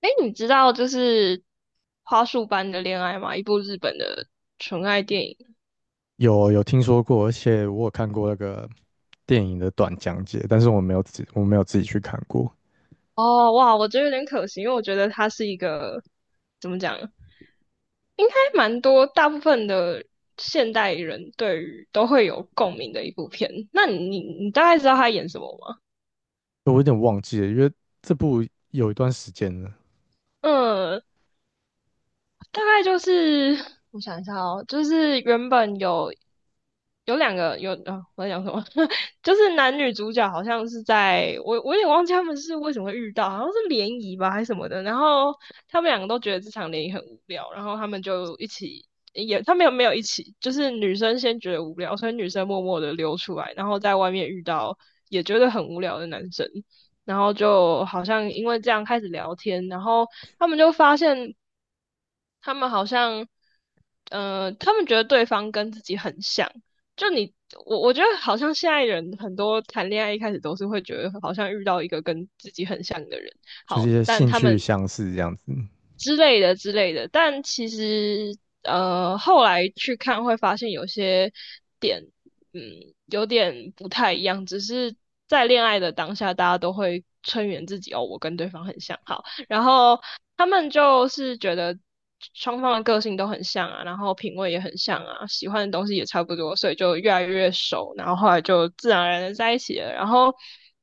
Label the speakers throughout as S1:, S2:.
S1: 哎，你知道就是花束般的恋爱吗？一部日本的纯爱电影。
S2: 有听说过，而且我有看过那个电影的短讲解，但是我没有自己去看过，
S1: 哦，哇，我觉得有点可惜，因为我觉得它是一个怎么讲，应该蛮多大部分的现代人对于都会有共鸣的一部片。那你大概知道他演什么吗？
S2: 我有点忘记了，因为这部有一段时间了，
S1: 嗯，大概就是我想一下哦，就是原本有两个有啊，我在讲什么？就是男女主角好像是在我有点忘记他们是为什么会遇到，好像是联谊吧还是什么的。然后他们两个都觉得这场联谊很无聊，然后他们就一起也他们有没有一起，就是女生先觉得无聊，所以女生默默的溜出来，然后在外面遇到也觉得很无聊的男生。然后就好像因为这样开始聊天，然后他们就发现他们好像，他们觉得对方跟自己很像。就你，我觉得好像现在人很多谈恋爱一开始都是会觉得好像遇到一个跟自己很像的人，
S2: 就是一
S1: 好，
S2: 些
S1: 但
S2: 兴
S1: 他们
S2: 趣相似这样子，
S1: 之类的之类的。但其实后来去看会发现有些点，嗯，有点不太一样。只是在恋爱的当下，大家都会催眠自己哦，我跟对方很像，好。然后他们就是觉得双方的个性都很像啊，然后品味也很像啊，喜欢的东西也差不多，所以就越来越熟，然后后来就自然而然的在一起了。然后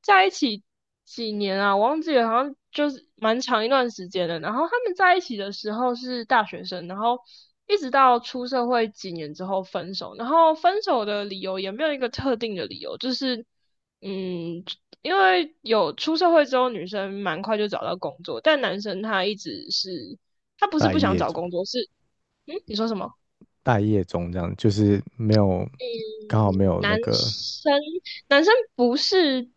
S1: 在一起几年啊，我忘记了，好像就是蛮长一段时间的。然后他们在一起的时候是大学生，然后。一直到出社会几年之后分手，然后分手的理由也没有一个特定的理由，就是嗯，因为有出社会之后，女生蛮快就找到工作，但男生他一直是他不是
S2: 待
S1: 不想
S2: 业
S1: 找
S2: 中，
S1: 工作，是嗯，你说什么？
S2: 待业中这样，就是没有刚好没
S1: 嗯，
S2: 有那
S1: 男
S2: 个，
S1: 生不是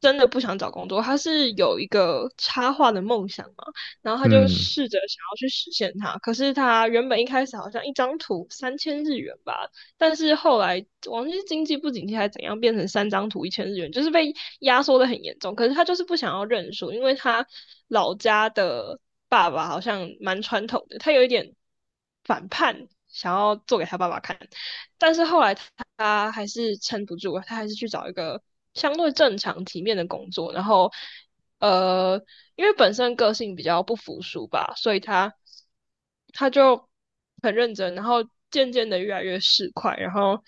S1: 真的不想找工作，他是有一个插画的梦想嘛，然后他就
S2: 嗯，
S1: 试着想要去实现它。可是他原本一开始好像一张图3000日元吧，但是后来忘记是经济不景气还是怎样，变成三张图1000日元，就是被压缩的很严重。可是他就是不想要认输，因为他老家的爸爸好像蛮传统的，他有一点反叛，想要做给他爸爸看。但是后来他还是撑不住，他还是去找一个相对正常体面的工作，然后呃，因为本身个性比较不服输吧，所以他就很认真，然后渐渐的越来越市侩，然后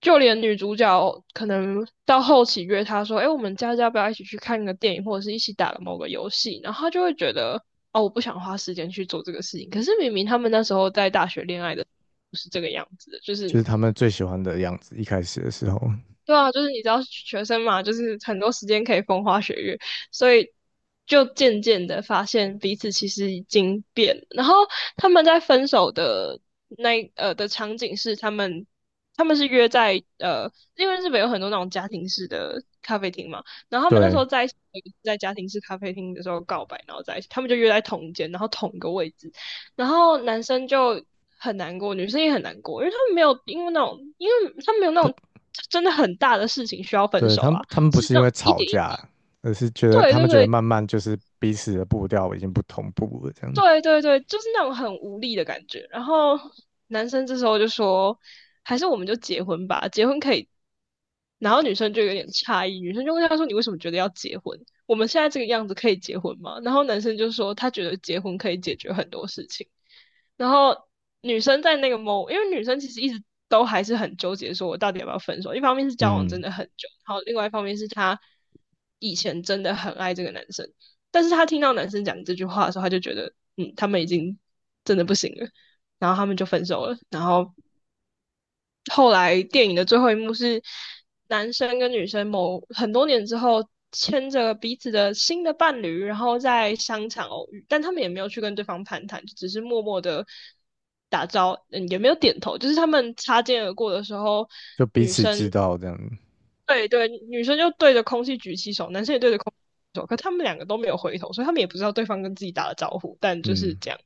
S1: 就连女主角可能到后期约他说：“哎，我们家要不要一起去看个电影，或者是一起打个某个游戏？”然后他就会觉得：“哦，我不想花时间去做这个事情。”可是明明他们那时候在大学恋爱的不是这个样子的，就
S2: 就
S1: 是。
S2: 是他们最喜欢的样子，一开始的时候，
S1: 对啊，就是你知道学生嘛，就是很多时间可以风花雪月，所以就渐渐的发现彼此其实已经变了，然后他们在分手的那的场景是他们是约在因为日本有很多那种家庭式的咖啡厅嘛，然后他们那时
S2: 对，
S1: 候在一起在家庭式咖啡厅的时候告白，然后在一起，他们就约在同一间，然后同一个位置，然后男生就很难过，女生也很难过，因为他们没有因为那种，因为他们没有那
S2: 他
S1: 种真的很大的事情需要分
S2: 对
S1: 手
S2: 他们
S1: 啊，
S2: 他们不
S1: 是
S2: 是因
S1: 那种
S2: 为
S1: 一
S2: 吵
S1: 点一滴，
S2: 架，而是觉得
S1: 对
S2: 他
S1: 对
S2: 们觉得
S1: 对，
S2: 慢慢就是彼此的步调已经不同步了这样，
S1: 对对对，就是那种很无力的感觉。然后男生这时候就说，还是我们就结婚吧，结婚可以。然后女生就有点诧异，女生就问他说：“你为什么觉得要结婚？我们现在这个样子可以结婚吗？”然后男生就说：“他觉得结婚可以解决很多事情。”然后女生在那个 mo，因为女生其实一直都还是很纠结，说我到底要不要分手。一方面是交往真
S2: 嗯。
S1: 的很久，然后另外一方面是她以前真的很爱这个男生，但是他听到男生讲这句话的时候，他就觉得，他们已经真的不行了，然后他们就分手了。然后后来电影的最后一幕是男生跟女生某很多年之后牵着彼此的新的伴侣，然后在商场偶遇，但他们也没有去跟对方攀谈，只是默默的打招，也没有点头，就是他们擦肩而过的时候，
S2: 就彼此知道这样。
S1: 对对，女生就对着空气举起手，男生也对着空气举手，可他们两个都没有回头，所以他们也不知道对方跟自己打了招呼，但就是
S2: 嗯，
S1: 这样。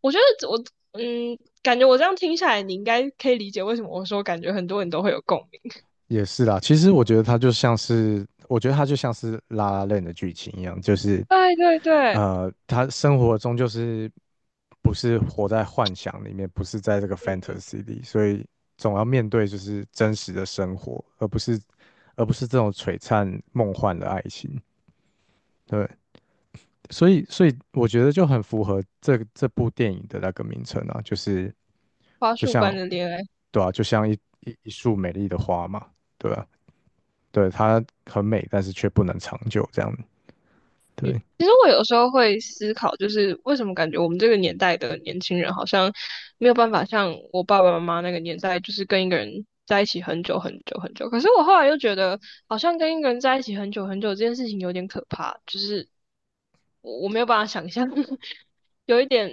S1: 我觉得我感觉我这样听下来，你应该可以理解为什么我说感觉很多人都会有共鸣。
S2: 也是啦。其实我觉得它就像是《La l 的剧情一样，就是
S1: 对对对，
S2: 他生活中就是不是活在幻想里面，不是在这个
S1: 嗯，
S2: fantasy 里，所以总要面对就是真实的生活，而不是这种璀璨梦幻的爱情。对，所以我觉得就很符合这部电影的那个名称啊，就是
S1: 花
S2: 就
S1: 束般
S2: 像，
S1: 的恋爱。
S2: 对啊，就像一束美丽的花嘛，对啊，对，它很美，但是却不能长久，这样，对，
S1: 其实我有时候会思考，就是为什么感觉我们这个年代的年轻人好像没有办法像我爸爸妈妈那个年代，就是跟一个人在一起很久很久很久。可是我后来又觉得，好像跟一个人在一起很久很久这件事情有点可怕，就是我没有办法想象，有一点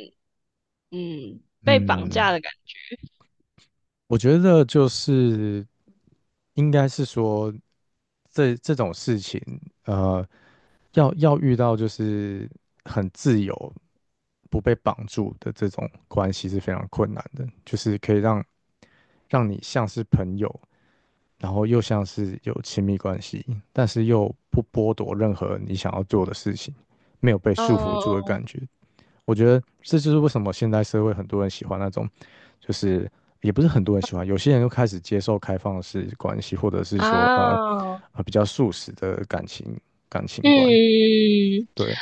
S1: 被绑架
S2: 嗯。
S1: 的感觉。
S2: 我觉得就是应该是说这种事情，呃，要遇到就是很自由、不被绑住的这种关系是非常困难的，就是可以让你像是朋友，然后又像是有亲密关系，但是又不剥夺任何你想要做的事情，没有被束缚住的
S1: 嗯
S2: 感觉。我觉得这就是为什么现代社会很多人喜欢那种，就是也不是很多人喜欢，有些人就开始接受开放式关系，或者是说
S1: 啊，
S2: 比较素食的感情观，
S1: 嗯，
S2: 对，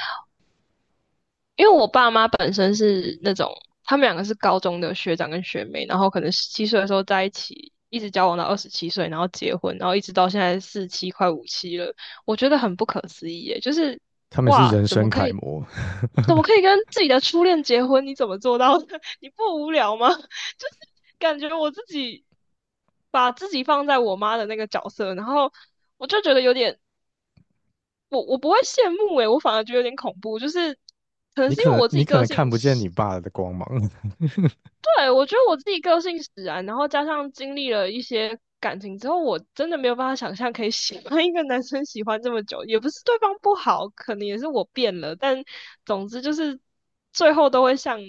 S1: 因为我爸妈本身是那种，他们两个是高中的学长跟学妹，然后可能十七岁的时候在一起，一直交往到27岁，然后结婚，然后一直到现在47快57了，我觉得很不可思议耶，就是
S2: 他们是
S1: 哇，
S2: 人
S1: 怎么
S2: 生
S1: 可
S2: 楷
S1: 以，
S2: 模。
S1: 怎么可以跟自己的初恋结婚？你怎么做到的？你不无聊吗？就是感觉我自己把自己放在我妈的那个角色，然后我就觉得有点我不会羡慕诶、我反而觉得有点恐怖，就是可 能
S2: 你
S1: 是因
S2: 可
S1: 为
S2: 能
S1: 我自己
S2: 你可
S1: 个
S2: 能
S1: 性
S2: 看不见
S1: 使
S2: 你爸的光芒，
S1: 对，我觉得我自己个性使然，然后加上经历了一些感情之后，我真的没有办法想象可以喜欢一个男生喜欢这么久，也不是对方不好，可能也是我变了，但总之就是最后都会像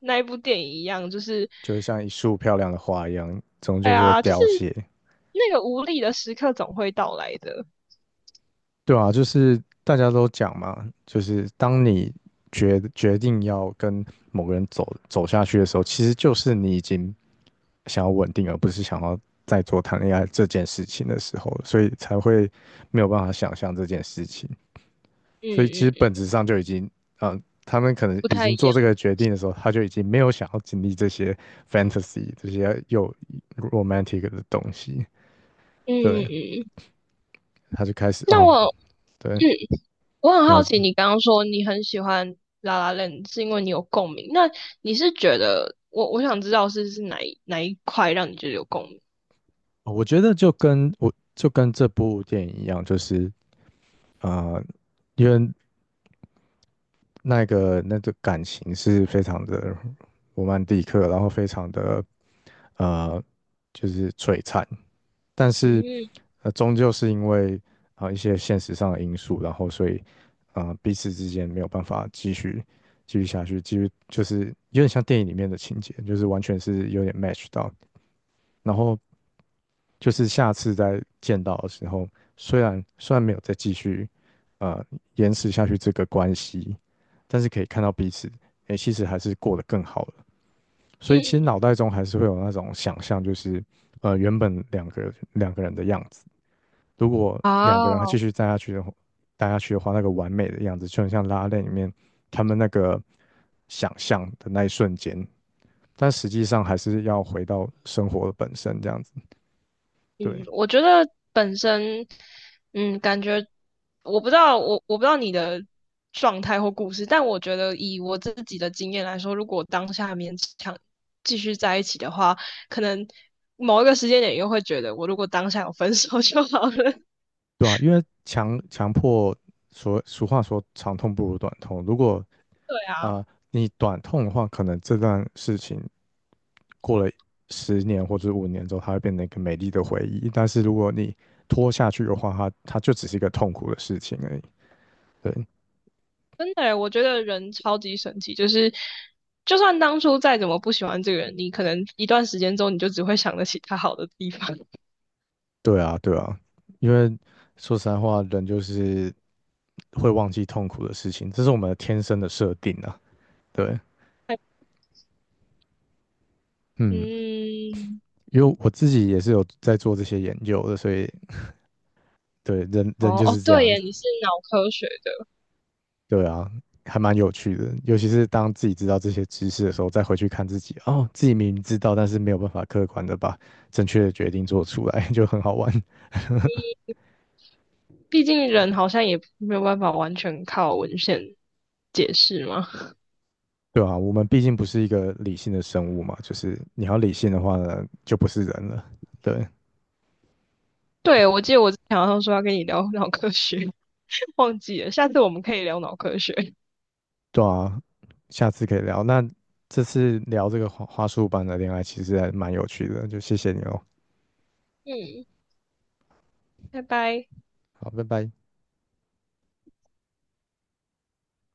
S1: 那一部电影一样，就是
S2: 就会像一束漂亮的花一样，终
S1: 哎
S2: 究是会
S1: 呀，就是
S2: 凋谢。
S1: 那个无力的时刻总会到来的，
S2: 对啊，就是大家都讲嘛，就是当你决定要跟某个人走下去的时候，其实就是你已经想要稳定，而不是想要再做谈恋爱这件事情的时候所以才会没有办法想象这件事情。所以其
S1: 嗯
S2: 实本
S1: 嗯，
S2: 质上就已经，他们可能
S1: 不
S2: 已
S1: 太一
S2: 经做
S1: 样，
S2: 这个决定的时候，他就已经没有想要经历这些 fantasy 这些又 romantic 的东西，
S1: 嗯
S2: 对，
S1: 嗯，
S2: 他就开始
S1: 那
S2: 哦，
S1: 我。
S2: 对。
S1: 嗯我很好奇，你刚刚说你很喜欢《La l 是因为你有共鸣。那你是觉得我想知道是哪一块让你觉得有共鸣？
S2: 我觉得就跟这部电影一样，就是因为那个感情是非常的罗曼蒂克，然后非常的呃就是璀璨，但是
S1: 嗯
S2: 终究是因为一些现实上的因素，然后所以彼此之间没有办法继续下去，就是有点像电影里面的情节，就是完全是有点 match 到，然后就是下次再见到的时候，虽然没有再呃延迟下去这个关系，但是可以看到彼此，诶，其实还是过得更好了。所以其实脑
S1: 嗯
S2: 袋中还是会有那种想象，就是原本两个人的样子，如果两个人还继
S1: 啊
S2: 续待下去的话，那个完美的样子就很像拉拉链里面他们那个想象的那一瞬间，但实际上还是要回到生活的本身这样子，
S1: 嗯，
S2: 对。
S1: 我觉得本身，感觉我不知道我不知道你的状态或故事，但我觉得以我自己的经验来说，如果当下勉强继续在一起的话，可能某一个时间点又会觉得，我如果当下有分手就好了。
S2: 对啊，因为强强迫所俗话说长痛不如短痛。如果
S1: 对啊，
S2: 你短痛的话，可能这段事情过了10年或者5年之后，它会变成一个美丽的回忆。但是如果你拖下去的话，它就只是一个痛苦的事情而已。对，
S1: 真的耶，我觉得人超级神奇，就是就算当初再怎么不喜欢这个人，你可能一段时间之后，你就只会想得起他好的地方。
S2: 对啊，对啊，因为说实在话，人就是会忘记痛苦的事情，这是我们天生的设定啊。对，嗯，
S1: 嗯，
S2: 因为我自己也是有在做这些研究的，所以对人
S1: 哦
S2: 就
S1: 哦，
S2: 是这
S1: 对
S2: 样
S1: 耶，
S2: 子。
S1: 你是脑科学的，
S2: 对啊，还蛮有趣的，尤其是当自己知道这些知识的时候，再回去看自己，哦，自己明明知道，但是没有办法客观的把正确的决定做出来，就很好玩，
S1: 毕竟人好像也没有办法完全靠文献解释嘛。
S2: 对啊，我们毕竟不是一个理性的生物嘛，就是你要理性的话呢，就不是人了，对，
S1: 对，我记得我之前好像说要跟你聊 脑科学，忘记了，下次我们可以聊脑科学。
S2: 对啊，下次可以聊。那这次聊这个花束般的恋爱，其实还蛮有趣的，就谢谢你哦，
S1: 嗯，拜拜。
S2: 好，拜拜。